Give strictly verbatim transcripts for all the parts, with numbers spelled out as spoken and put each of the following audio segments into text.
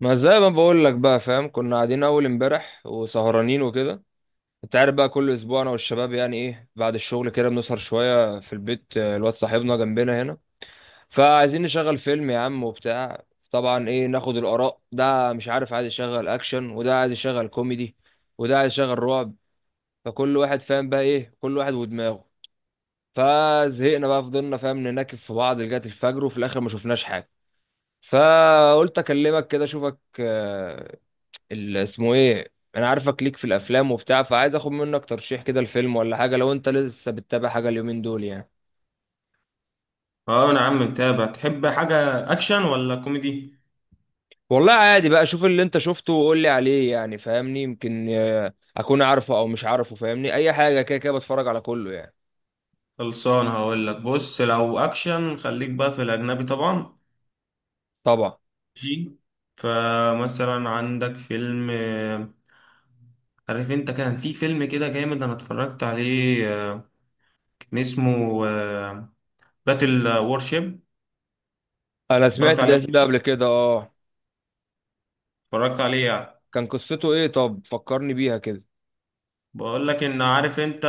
ما زي ما بقول لك بقى، فاهم، كنا قاعدين اول امبارح وسهرانين وكده. انت عارف بقى، كل اسبوع انا والشباب يعني ايه بعد الشغل كده بنسهر شويه في البيت. آه، الواد صاحبنا جنبنا هنا. فعايزين نشغل فيلم يا عم وبتاع. طبعا، ايه، ناخد الاراء، ده مش عارف، عايز يشغل اكشن وده عايز يشغل كوميدي، وده عايز يشغل رعب. فكل واحد فاهم بقى ايه، كل واحد ودماغه. فزهقنا بقى، فضلنا، فاهم، نناكف في بعض لغايه الفجر وفي الاخر ما شفناش حاجه. فقلت اكلمك كده اشوفك آه، ال- اسمه ايه، انا عارفك ليك في الافلام وبتاع، فعايز اخد منك ترشيح كده الفيلم ولا حاجه، لو انت لسه بتتابع حاجه اليومين دول يعني. اه، انا عم متابع. تحب حاجة اكشن ولا كوميدي؟ والله عادي بقى، شوف اللي انت شفته وقول لي عليه يعني فاهمني، يمكن آه، اكون عارفه او مش عارفه، فاهمني، اي حاجه كده، كده بتفرج على كله يعني. خلصان هقول لك. بص، لو اكشن خليك بقى في الاجنبي طبعا. طبعا. جي. فمثلا عندك فيلم، آه، عارف انت كان في فيلم كده جامد، انا اتفرجت عليه. آه، كان اسمه باتل وورشيب. انا اتفرجت سمعت عليه الاسم ده قبل كده. اه. اتفرجت عليه يعني. كان قصته ايه؟ طب فكرني بيها كده. بقول لك، ان عارف انت،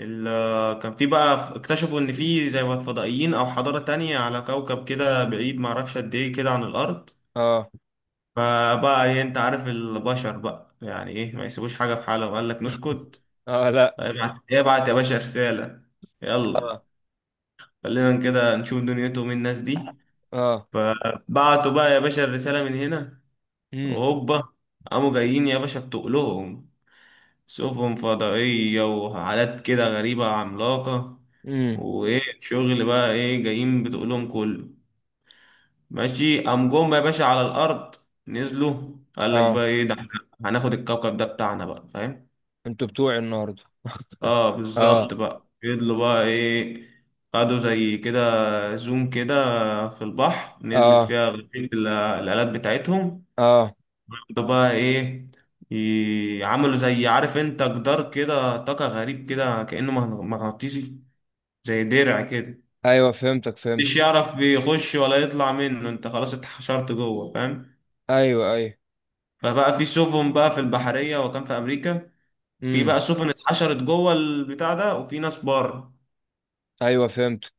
ال- كان في بقى اكتشفوا ان في زي ما فضائيين او حضارة تانية على كوكب كده بعيد، معرفش قد ايه كده عن الارض. اه. فبقى ايه، انت عارف البشر بقى يعني ايه، ما يسيبوش حاجة في حالها، وقال لك نسكت. اه، لا. فابعت ابعت يا باشا رسالة، يلا اه. خلينا كده نشوف دنيتهم إيه الناس دي. اه. فبعتوا بقى يا باشا الرسالة من هنا، امم. وهوبا قاموا جايين يا باشا، بتقلهم سفن فضائية وحالات كده غريبة عملاقة. امم. وإيه الشغل بقى، إيه جايين بتقولهم كله، ماشي. قام جم يا باشا على الأرض، نزلوا قال لك اه، بقى إيه ده، إحنا هناخد الكوكب ده بتاعنا بقى فاهم. انتوا بتوعي النهارده. اه اه. بالظبط. بقى فضلوا بقى ايه، قعدوا زي كده، زوم كده، في البحر نزلت اه. فيها غرفة ال- الآلات بتاعتهم. اه. قعدوا بقى ايه، ي- عملوا زي عارف انت جدار كده طاقة غريب كده كأنه مغن- مغناطيسي، زي درع كده. ايوه، فهمتك فهمت. مش يعرف يخش ولا يطلع منه، انت خلاص اتحشرت جوه فاهم. ايوه، ايوه. فبقى في سفن بقى في البحرية، وكان في أمريكا. في امم. بقى سفن اتحشرت جوه البتاع ده، وفي ناس بره. ايوه، فهمت.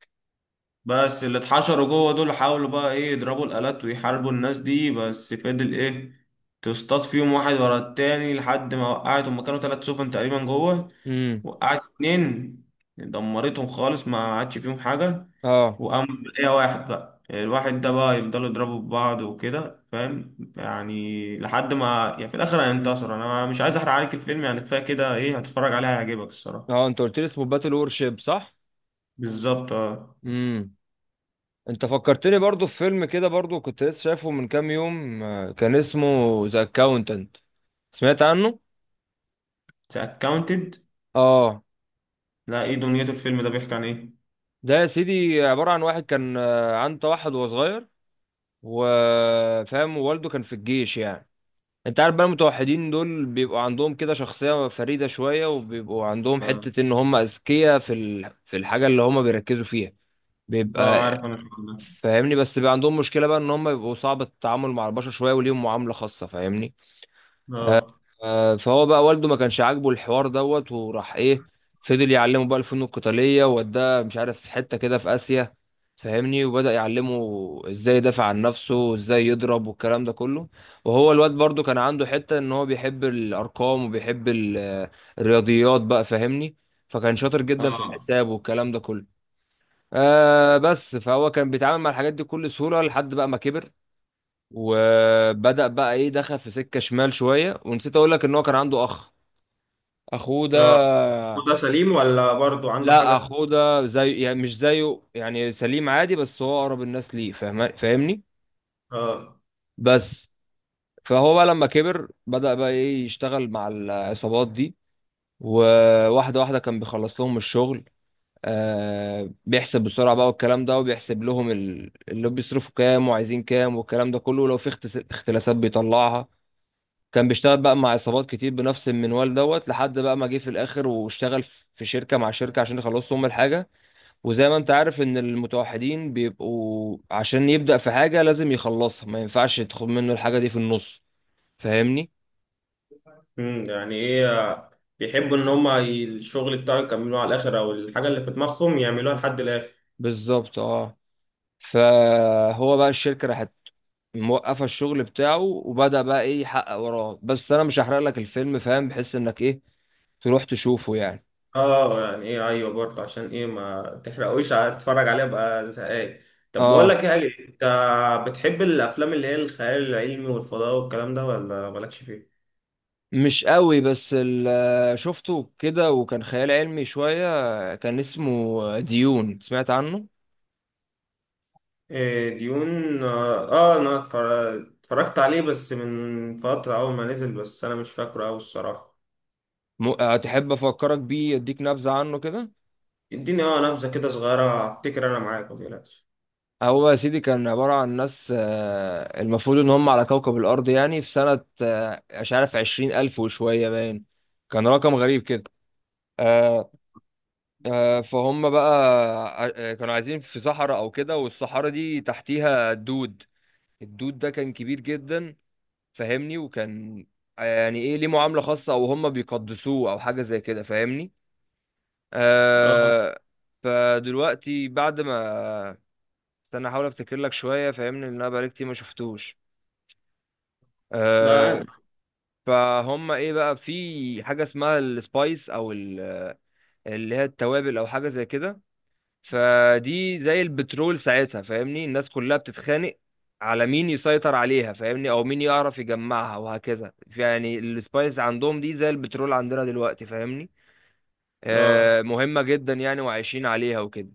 بس اللي اتحشروا جوه دول حاولوا بقى ايه يضربوا الآلات ويحاربوا الناس دي، بس فضل ايه تصطاد فيهم واحد ورا التاني لحد ما وقعت. هما كانوا تلات سفن تقريبا جوه، امم. وقعت اتنين، دمرتهم خالص ما عادش فيهم حاجة. اه. وقام ايه واحد بقى، الواحد ده بقى يفضلوا يضربوا في بعض وكده فاهم يعني، لحد ما يعني في الآخر هينتصر. أنا مش عايز أحرق عليك الفيلم يعني، كفاية كده. ايه هتتفرج عليه هيعجبك الصراحة. اه، انت قلت لي اسمه باتل وور شيب، صح؟ بالظبط اه. امم. انت فكرتني برضو في فيلم كده، برضو كنت لسه شايفه من كام يوم. آه، كان اسمه ذا اكاونتنت. سمعت عنه. اتس اكاونتد. اه. لا ايه دنيته، الفيلم ده بيحكي عن ايه؟ ده يا سيدي عبارة عن واحد كان آه، عنده توحد وهو صغير. وفاهم، ووالده كان في الجيش يعني. انت عارف بقى المتوحدين دول بيبقوا عندهم كده شخصية فريدة شوية، وبيبقوا عندهم اه. حتة ان هم اذكياء في ال... في الحاجة اللي هم بيركزوا فيها. اه، بيبقى. عارف انا الحوار ده. فاهمني، بس بقى عندهم مشكله بقى ان هم بيبقوا صعب التعامل مع البشر شويه، وليهم معامله خاصه، فاهمني. اه آه، فهو بقى والده ما كانش عاجبه الحوار دوت، وراح ايه، فضل يعلمه بقى الفنون القتاليه ووداه مش عارف حته كده في اسيا. فاهمني، وبدأ يعلمه ازاي يدافع عن نفسه وازاي يضرب والكلام ده كله. وهو الواد برضو كان عنده حته ان هو بيحب الارقام وبيحب ال- الرياضيات بقى، فاهمني. فكان شاطر جدا في اه الحساب والكلام ده كله. آه بس فهو كان بيتعامل مع الحاجات دي بكل سهولة لحد بقى ما كبر. وبدأ بقى ايه، دخل في سكة شمال شوية، ونسيت اقول لك ان هو كان عنده اخ، اخوه اه. ده. ده سليم ولا برضو عنده لا، حاجة؟ اخوه ده زي، يعني مش زيه، يعني سليم عادي، بس هو اقرب الناس ليه، فاهم، فاهمني. اه. بس. فهو بقى لما كبر بدأ بقى ايه يشتغل مع العصابات دي، وواحدة واحدة كان بيخلص لهم الشغل. آه بيحسب بسرعة بقى والكلام ده، وبيحسب لهم ال- اللي بيصرفوا كام وعايزين كام والكلام ده كله، ولو في اخت- اختلاسات بيطلعها. كان بيشتغل بقى مع عصابات كتير بنفس المنوال دوت، لحد بقى ما جه في الآخر واشتغل في في شركة، مع شركة عشان يخلصوا هم الحاجة. وزي ما انت عارف ان المتوحدين بيبقوا عشان يبدأ في حاجة لازم يخلصها، ما ينفعش تاخد منه الحاجة دي في النص. فاهمني؟ امم يعني ايه، آه، بيحبوا ان هما ي- الشغل بتاعه يكملوه على الاخر، او الحاجة اللي في دماغهم يعملوها لحد الاخر. بالظبط، اه. فهو بقى الشركة راحت، موقفه الشغل بتاعه، وبدأ بقى ايه يحقق وراه، بس انا مش هحرق لك الفيلم فاهم، بحيث انك ايه تروح تشوفه يعني. اه يعني ايه، ايوه برضو، عشان ايه ما تحرقوش، اتفرج عليها بقى زهقان. طب بقول اه. لك ايه، انت بتحب الافلام اللي هي الخيال العلمي والفضاء والكلام ده، ولا مالكش فيه؟ مش قوي، بس ال- آه، شفته كده وكان خيال علمي شوية، كان اسمه ديون، سمعت عنه؟ إيه، ديون، اه. آه، انا اتفر- اتفرجت عليه بس من فترة اول ما نزل، بس انا مش فاكره اوي الصراحة. م- هتحب افكرك بيه، اديك نبذة عنه كده؟ اديني اه نبذة كده صغيرة، افتكر انا معاك ما تقلقش. هو يا سيدي كان عبارة عن ناس آه، المفروض ان هم على كوكب الارض، يعني في سنة، آه، مش عارف، عشرين الف وشوية باين. كان رقم غريب كده. آه، فهم بقى، ع- كانوا عايزين في صحراء او كده، والصحراء دي تحتيها الدود. الدود ده كان كبير جدا. فاهمني، وكان آه، يعني ايه ليه معاملة خاصة، او هم بيقدسوه او حاجة زي كده، فاهمني. اه آه فدلوقتي بعد ما، استنى احاول افتكر لك شوية، فاهمني، لان انا بقالي كتير ما شفتوش. ده آه عادي. فهم ايه بقى، في حاجة اسمها السبايس او ال- آه، اللي هي التوابل، او حاجة زي كده. فدي زي البترول ساعتها، فاهمني، الناس كلها بتتخانق على مين يسيطر عليها، فاهمني، او مين يعرف يجمعها، وهكذا يعني، السبايس عندهم دي زي البترول عندنا دلوقتي، فاهمني. اه آه مهمة جدا يعني، وعايشين عليها وكده.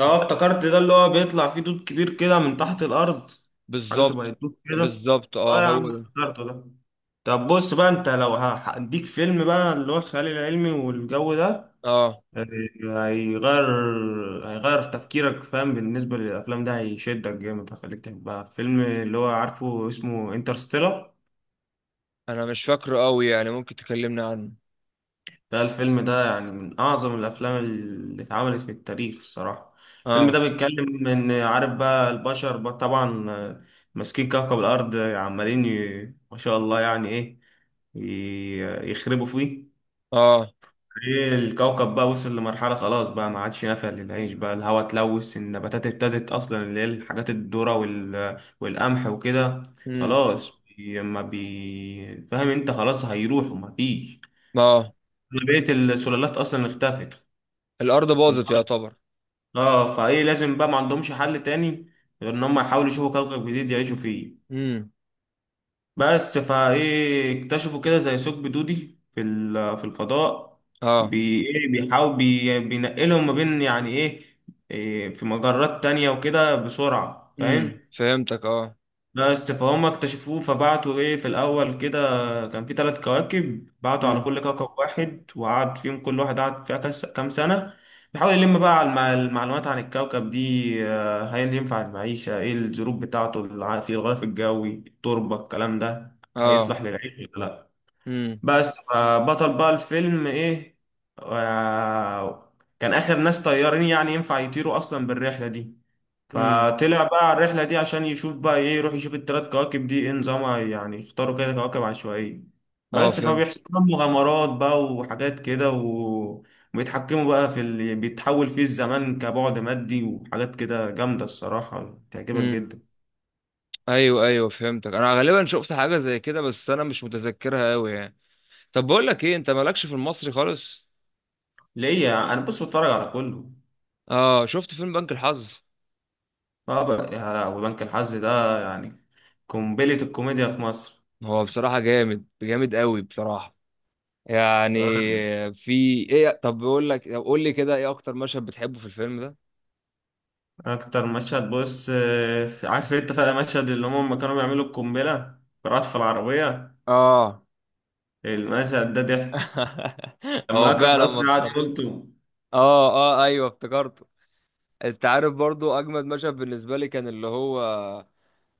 اه افتكرت، ده اللي هو بيطلع فيه دود كبير كده من تحت الارض، حاجة شبه بالظبط. الدود كده. بالظبط، اه، اه يا هو عم ده. افتكرته ده. طب بص بقى، انت لو هديك فيلم بقى اللي هو الخيال العلمي والجو ده، اه، هيغير هيغير في تفكيرك فاهم، بالنسبة للأفلام ده هيشدك جامد هيخليك تحبها. فيلم اللي هو عارفه اسمه انترستيلر، انا مش فاكره قوي يعني، ممكن تكلمني عنه؟ ده الفيلم ده يعني من أعظم الأفلام اللي اتعملت في التاريخ الصراحة. الفيلم ده اه. بيتكلم إن عارف بقى البشر بقى طبعا آه، ماسكين كوكب الأرض عمالين ي- ما شاء الله يعني إيه ي- يخربوا فيه. اه. ايه الكوكب بقى وصل لمرحلة خلاص بقى ما عادش نافع للعيش بقى، الهواء اتلوث، النباتات ابتدت اصلا، اللي هي الحاجات الذرة وال... والقمح وكده امم. خلاص، بي- ما بي فاهم انت خلاص هيروحوا ما فيش. اه. بقية السلالات اصلا اختفت الارض باظت انقرضت. يعتبر. اه فايه لازم بقى ما عندهمش حل تاني غير ان هم يحاولوا يشوفوا كوكب جديد يعيشوا فيه. امم. بس فايه اكتشفوا كده زي ثقب دودي في ال- في الفضاء، اه. بي ايه بيحاول بي بينقلهم ما بين يعني ايه، إيه في مجرات تانية وكده بسرعة امم، فاهم. فهمتك اه. لا بس فهم اكتشفوه، فبعتوا ايه في الاول كده، كان في ثلاث كواكب، بعتوا على امم. كل كوكب واحد وقعد فيهم، كل واحد قعد فيها كس- كام سنة، بيحاول يلم بقى على المع- المعلومات عن الكوكب دي. آه، هل ينفع المعيشة، ايه الظروف بتاعته الع- في الغلاف الجوي، التربة، الكلام ده اه. هيصلح للعيش ولا. بس فبطل بقى الفيلم ايه، آه، كان اخر ناس طيارين يعني ينفع يطيروا اصلا بالرحله دي، امم. فطلع بقى على الرحله دي عشان يشوف بقى ايه، يروح يشوف الثلاث كواكب دي ايه نظامها يعني، يختاروا كده كواكب عشوائيه. اه، بس فهمت. فبيحصل لهم مغامرات بقى وحاجات كده و- وبيتحكموا بقى في اللي بيتحول فيه الزمان كبعد مادي وحاجات كده جامده، الصراحه تعجبك امم. جدا. ايوه، ايوه، فهمتك. انا غالبا شفت حاجه زي كده، بس انا مش متذكرها قوي يعني. طب بقول لك ايه، انت مالكش في المصري خالص؟ ليه، انا بص بتفرج على كله. اه، شفت فيلم بنك الحظ؟ اه بقى يا لهوي، بنك الحظ ده يعني قنبلة الكوميديا في مصر. هو بصراحه جامد جامد قوي بصراحه، يعني، آه، في، ايه، طب بقول لك، طب قول لي كده، ايه اكتر مشهد بتحبه في الفيلم ده؟ أكتر مشهد بص، آه، عارف أنت فاكر المشهد اللي هم لما كانوا بيعملوا القنبلة، رأس في العربية، اه. المشهد ده ضحك، لما هو أكرم فعلا حسني قعد مسخره. يقول تو. اه. اه، ايوه افتكرته. انت عارف برضو اجمد مشهد بالنسبه لي كان اللي هو،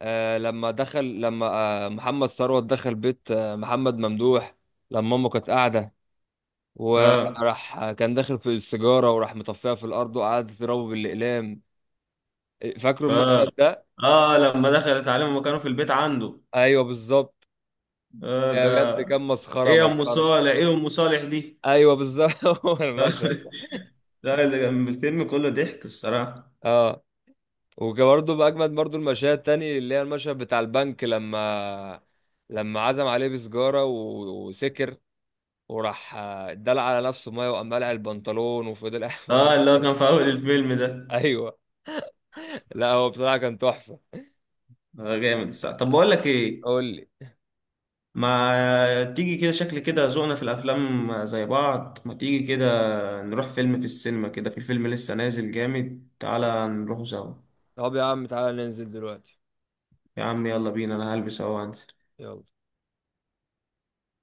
آه لما دخل لما آه محمد ثروت دخل بيت آه محمد ممدوح، لما امه كانت قاعده، اه وراح آه، كان داخل في السيجاره، وراح مطفيها في الارض، وقعد تضربه بالاقلام. فاكروا المشهد اه ده؟ اه لما دخلت عليهم لما كانوا في البيت عنده. ايوه، بالظبط. اه ده. آه، بجد كان إيه مسخره يا أم مسخره. صالح، إيه أم صالح دي. ايوه بالظبط. هو المشهد ده. لا، اللي كان الفيلم كله ضحك الصراحة. اه. وبرده باجمد برده المشاهد تاني، اللي هي المشهد بتاع البنك، لما لما عزم عليه بسجاره و- وسكر، وراح آه، اتدلع على نفسه ميه، وقام قلع البنطلون وفضل قاعد من اه اللي هو المكتب. كان في أول الفيلم ده. ايوه. لا، هو بصراحه كان تحفه. اه جامد الصراحة. طب بقول لك إيه، قول لي. ما تيجي كده شكل كده ذوقنا في الافلام زي بعض، ما تيجي كده نروح فيلم في السينما، كده في فيلم لسه نازل جامد تعالى نروح سوا. طب يا عم، تعالى ننزل دلوقتي. يا عم يلا بينا، انا هلبس اهو وانزل. يلا.